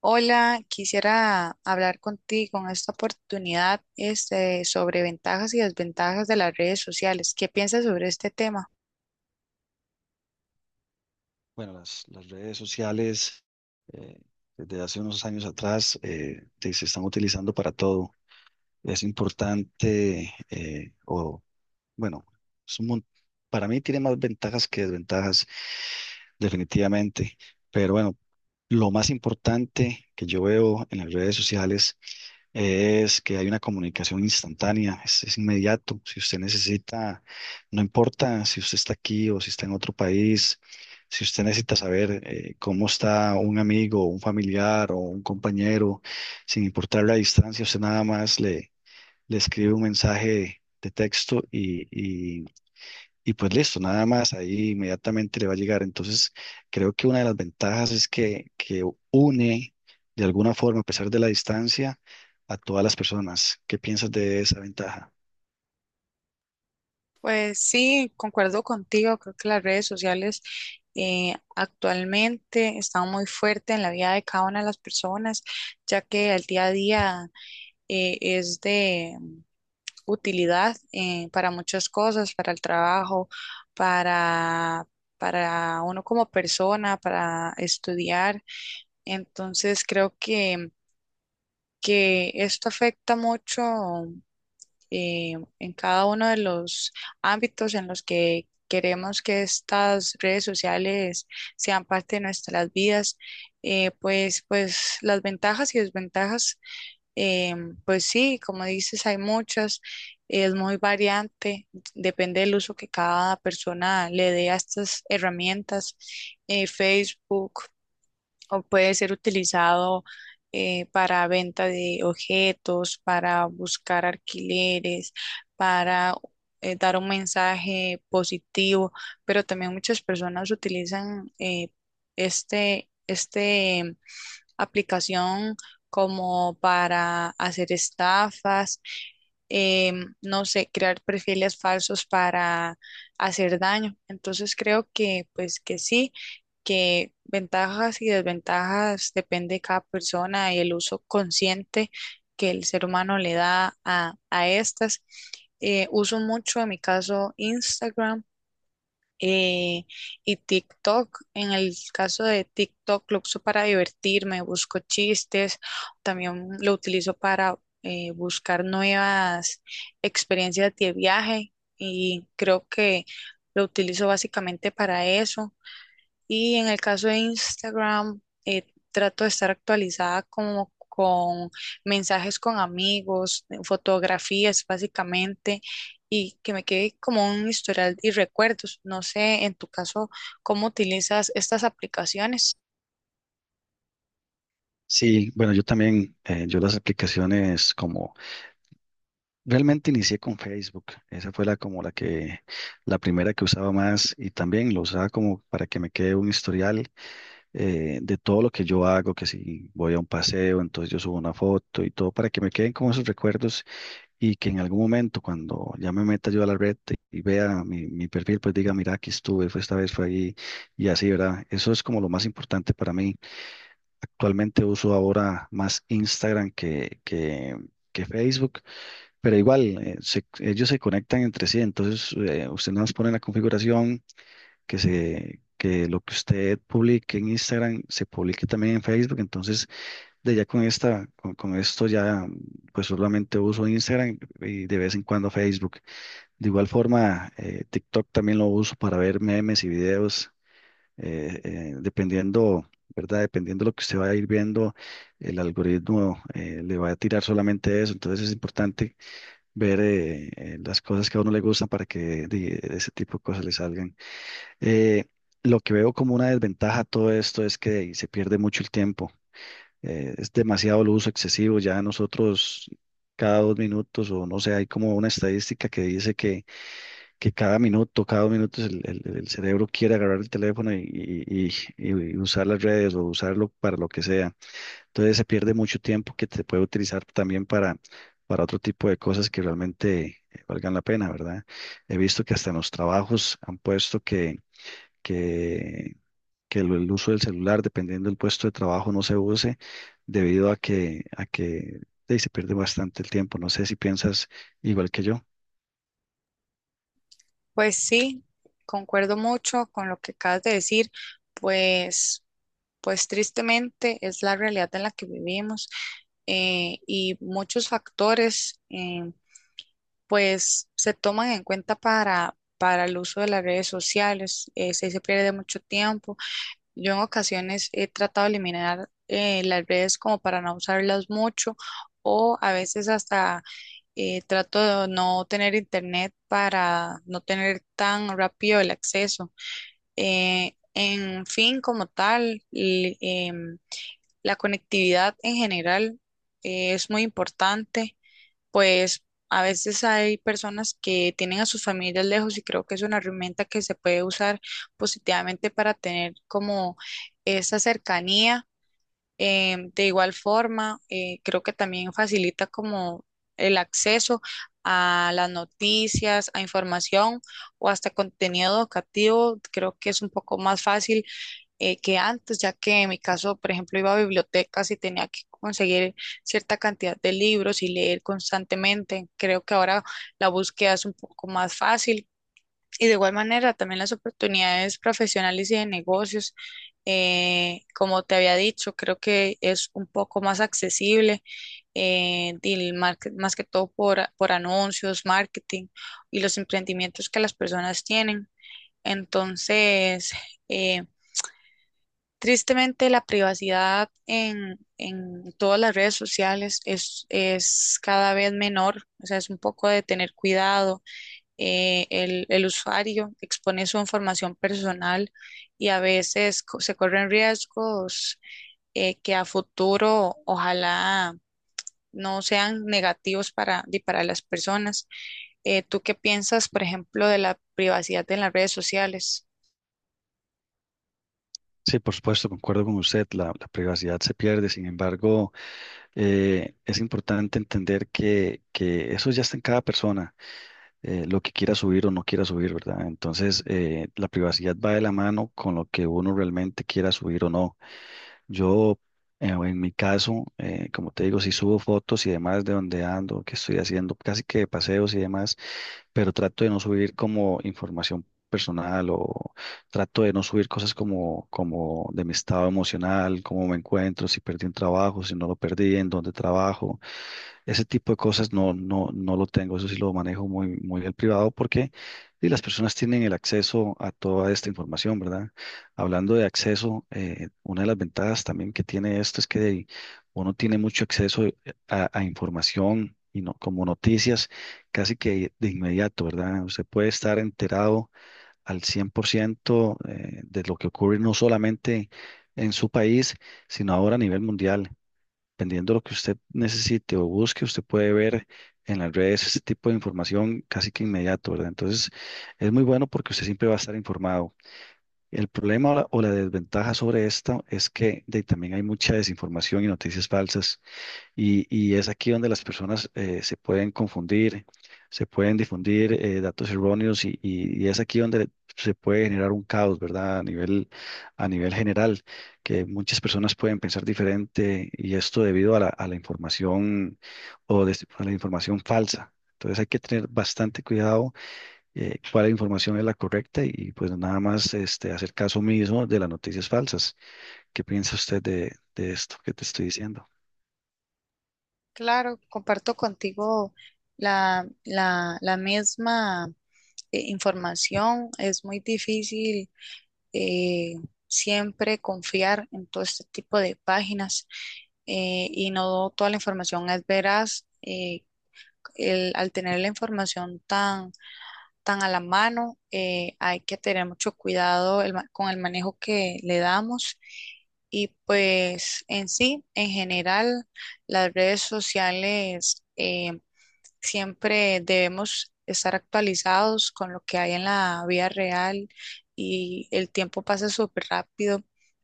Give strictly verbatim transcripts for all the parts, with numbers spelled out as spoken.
Hola, quisiera hablar contigo en esta oportunidad, este, sobre ventajas y desventajas de las redes sociales. ¿Qué piensas sobre este tema? Bueno, las, las redes sociales eh, desde hace unos años atrás eh, te- se están utilizando para todo. Es importante, eh, o bueno, es un mon- para mí tiene más ventajas que desventajas, definitivamente. Pero bueno, lo más importante que yo veo en las redes sociales es que hay una comunicación instantánea, es, es inmediato. Si usted necesita, no importa si usted está aquí o si está en otro país, si usted necesita saber eh, cómo está un amigo, un familiar o un compañero, sin importar la distancia, usted nada más le, le escribe un mensaje de texto y, y pues listo, nada más, ahí inmediatamente le va a llegar. Entonces, creo que una de las ventajas es que, que une de alguna forma, a pesar de la distancia, a todas las personas. ¿Qué piensas de esa ventaja? Pues sí, concuerdo contigo. Creo que las redes sociales eh, actualmente están muy fuertes en la vida de cada una de las personas, ya que el día a día eh, es de utilidad eh, para muchas cosas, para el trabajo, para, para uno como persona, para estudiar. Entonces creo que, que esto afecta mucho eh, en cada uno de los ámbitos en los que queremos que estas redes sociales sean parte de nuestras vidas. Eh, pues, pues las ventajas y desventajas, eh, pues sí, como dices, hay muchas. Es muy variante, depende del uso que cada persona le dé a estas herramientas. eh, Facebook o puede ser utilizado eh, para venta de objetos, para buscar alquileres, para eh, dar un mensaje positivo, pero también muchas personas utilizan eh, este, este aplicación como para hacer estafas, em, no sé, crear perfiles falsos para hacer daño. Entonces creo que pues que sí, que ventajas y desventajas depende de cada persona y el uso consciente que el ser humano le da a, a estas. Eh, uso mucho, en mi caso, Instagram eh, y TikTok. En el caso de TikTok, lo uso para divertirme, busco chistes, también lo utilizo para eh, buscar nuevas experiencias de viaje y creo que lo utilizo básicamente para eso. Y en el caso de Instagram, eh, trato de estar actualizada como con mensajes con amigos, eh, fotografías básicamente, y que me quede como un historial y recuerdos. No sé, en tu caso, ¿cómo utilizas estas aplicaciones? Sí, bueno, yo también, eh, yo las aplicaciones como, realmente inicié con Facebook, esa fue la como la que, la primera que usaba más y también lo usaba como para que me quede un historial eh, de todo lo que yo hago, que si voy a un paseo, entonces yo subo una foto y todo para que me queden como esos recuerdos y que en algún momento cuando ya me meta yo a la red y vea mi, mi perfil, pues diga, mira, aquí estuve, fue esta vez, fue ahí y así, ¿verdad? Eso es como lo más importante para mí. Actualmente uso ahora más Instagram que, que, que Facebook, pero igual eh, se- ellos se conectan entre sí, entonces eh, usted nos pone la configuración que se... que lo que usted publique en Instagram se publique también en Facebook, entonces de ya con esta, con, con esto ya, pues solamente uso Instagram y de vez en cuando Facebook. De igual forma, eh, TikTok también lo uso para ver memes y videos, eh, eh, dependiendo, ¿verdad? Dependiendo de lo que usted va a ir viendo, el algoritmo eh, le va a tirar solamente eso. Entonces es importante ver eh, eh, las cosas que a uno le gustan para que de- ese tipo de cosas le salgan. Eh, lo que veo como una desventaja a todo esto es que se pierde mucho el tiempo, eh, es demasiado el uso excesivo. Ya nosotros cada dos minutos o no sé, hay como una estadística que dice que, que cada minuto, cada dos minutos el, el- el cerebro quiere agarrar el teléfono y, y- y- y usar las redes o usarlo para lo que sea. Entonces se pierde mucho tiempo que te puede utilizar también para, para otro tipo de cosas que realmente eh, valgan la pena, ¿verdad? He visto que hasta en los trabajos han puesto que... que que el, el uso del celular, dependiendo del puesto de trabajo, no se use debido a que, a que eh, se pierde bastante el tiempo. No sé si piensas igual que yo. Pues sí, concuerdo mucho con lo que acabas de decir. Pues, pues tristemente es la realidad en la que vivimos, eh, y muchos factores eh, pues se toman en cuenta para, para el uso de las redes sociales. Eh, sí, se pierde mucho tiempo. Yo en ocasiones he tratado de eliminar eh, las redes como para no usarlas mucho, o a veces hasta eh, trato de no tener internet para no tener tan rápido el acceso. Eh, en fin, como tal, l- em, la conectividad en general eh, es muy importante, pues a veces hay personas que tienen a sus familias lejos y creo que es una herramienta que se puede usar positivamente para tener como esa cercanía. Em, de igual forma, eh, creo que también facilita como el acceso a las noticias, a información o hasta contenido educativo. Creo que es un poco más fácil eh, que antes, ya que en mi caso, por ejemplo, iba a bibliotecas y tenía que conseguir cierta cantidad de libros y leer constantemente. Creo que ahora la búsqueda es un poco más fácil, y de igual manera también las oportunidades profesionales y de negocios. Eh, como te había dicho, creo que es un poco más accesible, eh, y el market- más que todo por, a- por anuncios, marketing y los emprendimientos que las personas tienen. Entonces, eh, tristemente, la privacidad en, en todas las redes sociales es, es cada vez menor, o sea, es un poco de tener cuidado. Eh, el, el usuario expone su información personal y a veces co- se corren riesgos eh, que a futuro ojalá no sean negativos para, di- para las personas. Eh, ¿tú qué piensas, por ejemplo, de la privacidad en las redes sociales? Sí, por supuesto, concuerdo con usted, la, la privacidad se pierde, sin embargo, eh, es importante entender que, que eso ya está en cada persona. Eh, lo que quiera subir o no quiera subir, ¿verdad? Entonces, eh, la privacidad va de la mano con lo que uno realmente quiera subir o no. Yo, eh, en mi caso, eh, como te digo, si subo fotos y demás de donde ando, qué estoy haciendo, casi que de paseos y demás, pero trato de no subir como información personal o trato de no subir cosas como, como de mi estado emocional, cómo me encuentro, si perdí un trabajo, si no lo perdí, en dónde trabajo. Ese tipo de cosas no, no, no lo tengo, eso sí lo manejo muy, muy al privado porque y las personas tienen el acceso a toda esta información, ¿verdad? Hablando de acceso, eh, una de las ventajas también que tiene esto es que uno tiene mucho acceso eh, a, a información y no, como noticias casi que de inmediato, ¿verdad? Usted puede estar enterado al cien por ciento eh, de lo que ocurre no solamente en su país, sino ahora a nivel mundial. Dependiendo de lo que usted necesite o busque, usted puede ver en las redes ese tipo de información casi que inmediato, ¿verdad? Entonces, es muy bueno porque usted siempre va a estar informado. El problema o la, o la desventaja sobre esto es que de- también hay mucha desinformación y noticias falsas. Y, y es aquí donde las personas eh, se pueden confundir, se pueden difundir eh, datos erróneos y, y- y es aquí donde se puede generar un caos, ¿verdad? A nivel, a nivel general, que muchas personas pueden pensar diferente y esto debido a la, a la información o des- a la información falsa. Entonces hay que tener bastante cuidado, eh, cuál información es la correcta y pues nada más este, hacer caso mismo de las noticias falsas. ¿Qué piensa usted de, de esto que te estoy diciendo? Claro, comparto contigo la, la, la misma eh, información. Es muy difícil eh, siempre confiar en todo este tipo de páginas, eh, y no toda la información es veraz. Eh, el- al tener la información tan, tan a la mano, eh, hay que tener mucho cuidado el ma- con el manejo que le damos. Y pues en sí, en general, las redes sociales. eh, Siempre debemos estar actualizados con lo que hay en la vida real, y el tiempo pasa súper rápido,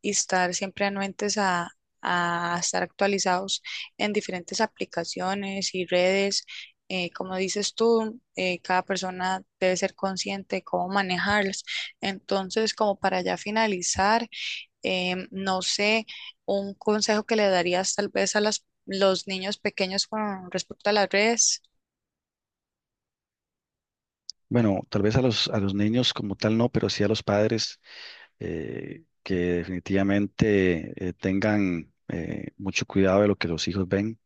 y estar siempre anuentes a, a estar actualizados en diferentes aplicaciones y redes. Eh, como dices tú, eh, cada persona debe ser consciente de cómo manejarlas. Entonces, como para ya finalizar, em, no sé, un consejo que le darías tal vez a las, los niños pequeños con respecto a las redes. Bueno, tal vez a los, a los niños como tal no, pero sí a los padres eh, que definitivamente eh, tengan eh, mucho cuidado de lo que los hijos ven.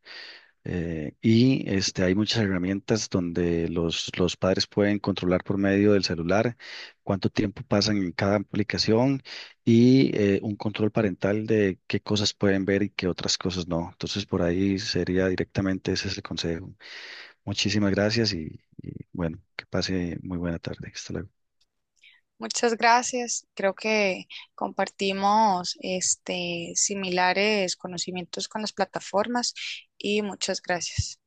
eh, Y este, hay muchas herramientas donde los, los padres pueden controlar por medio del celular cuánto tiempo pasan en cada aplicación y eh, un control parental de qué cosas pueden ver y qué otras cosas no. Entonces, por ahí sería directamente ese es el consejo. Muchísimas gracias y, y bueno, que pase muy buena tarde. Hasta luego. Muchas gracias. Creo que compartimos este, similares conocimientos con las plataformas, y muchas gracias.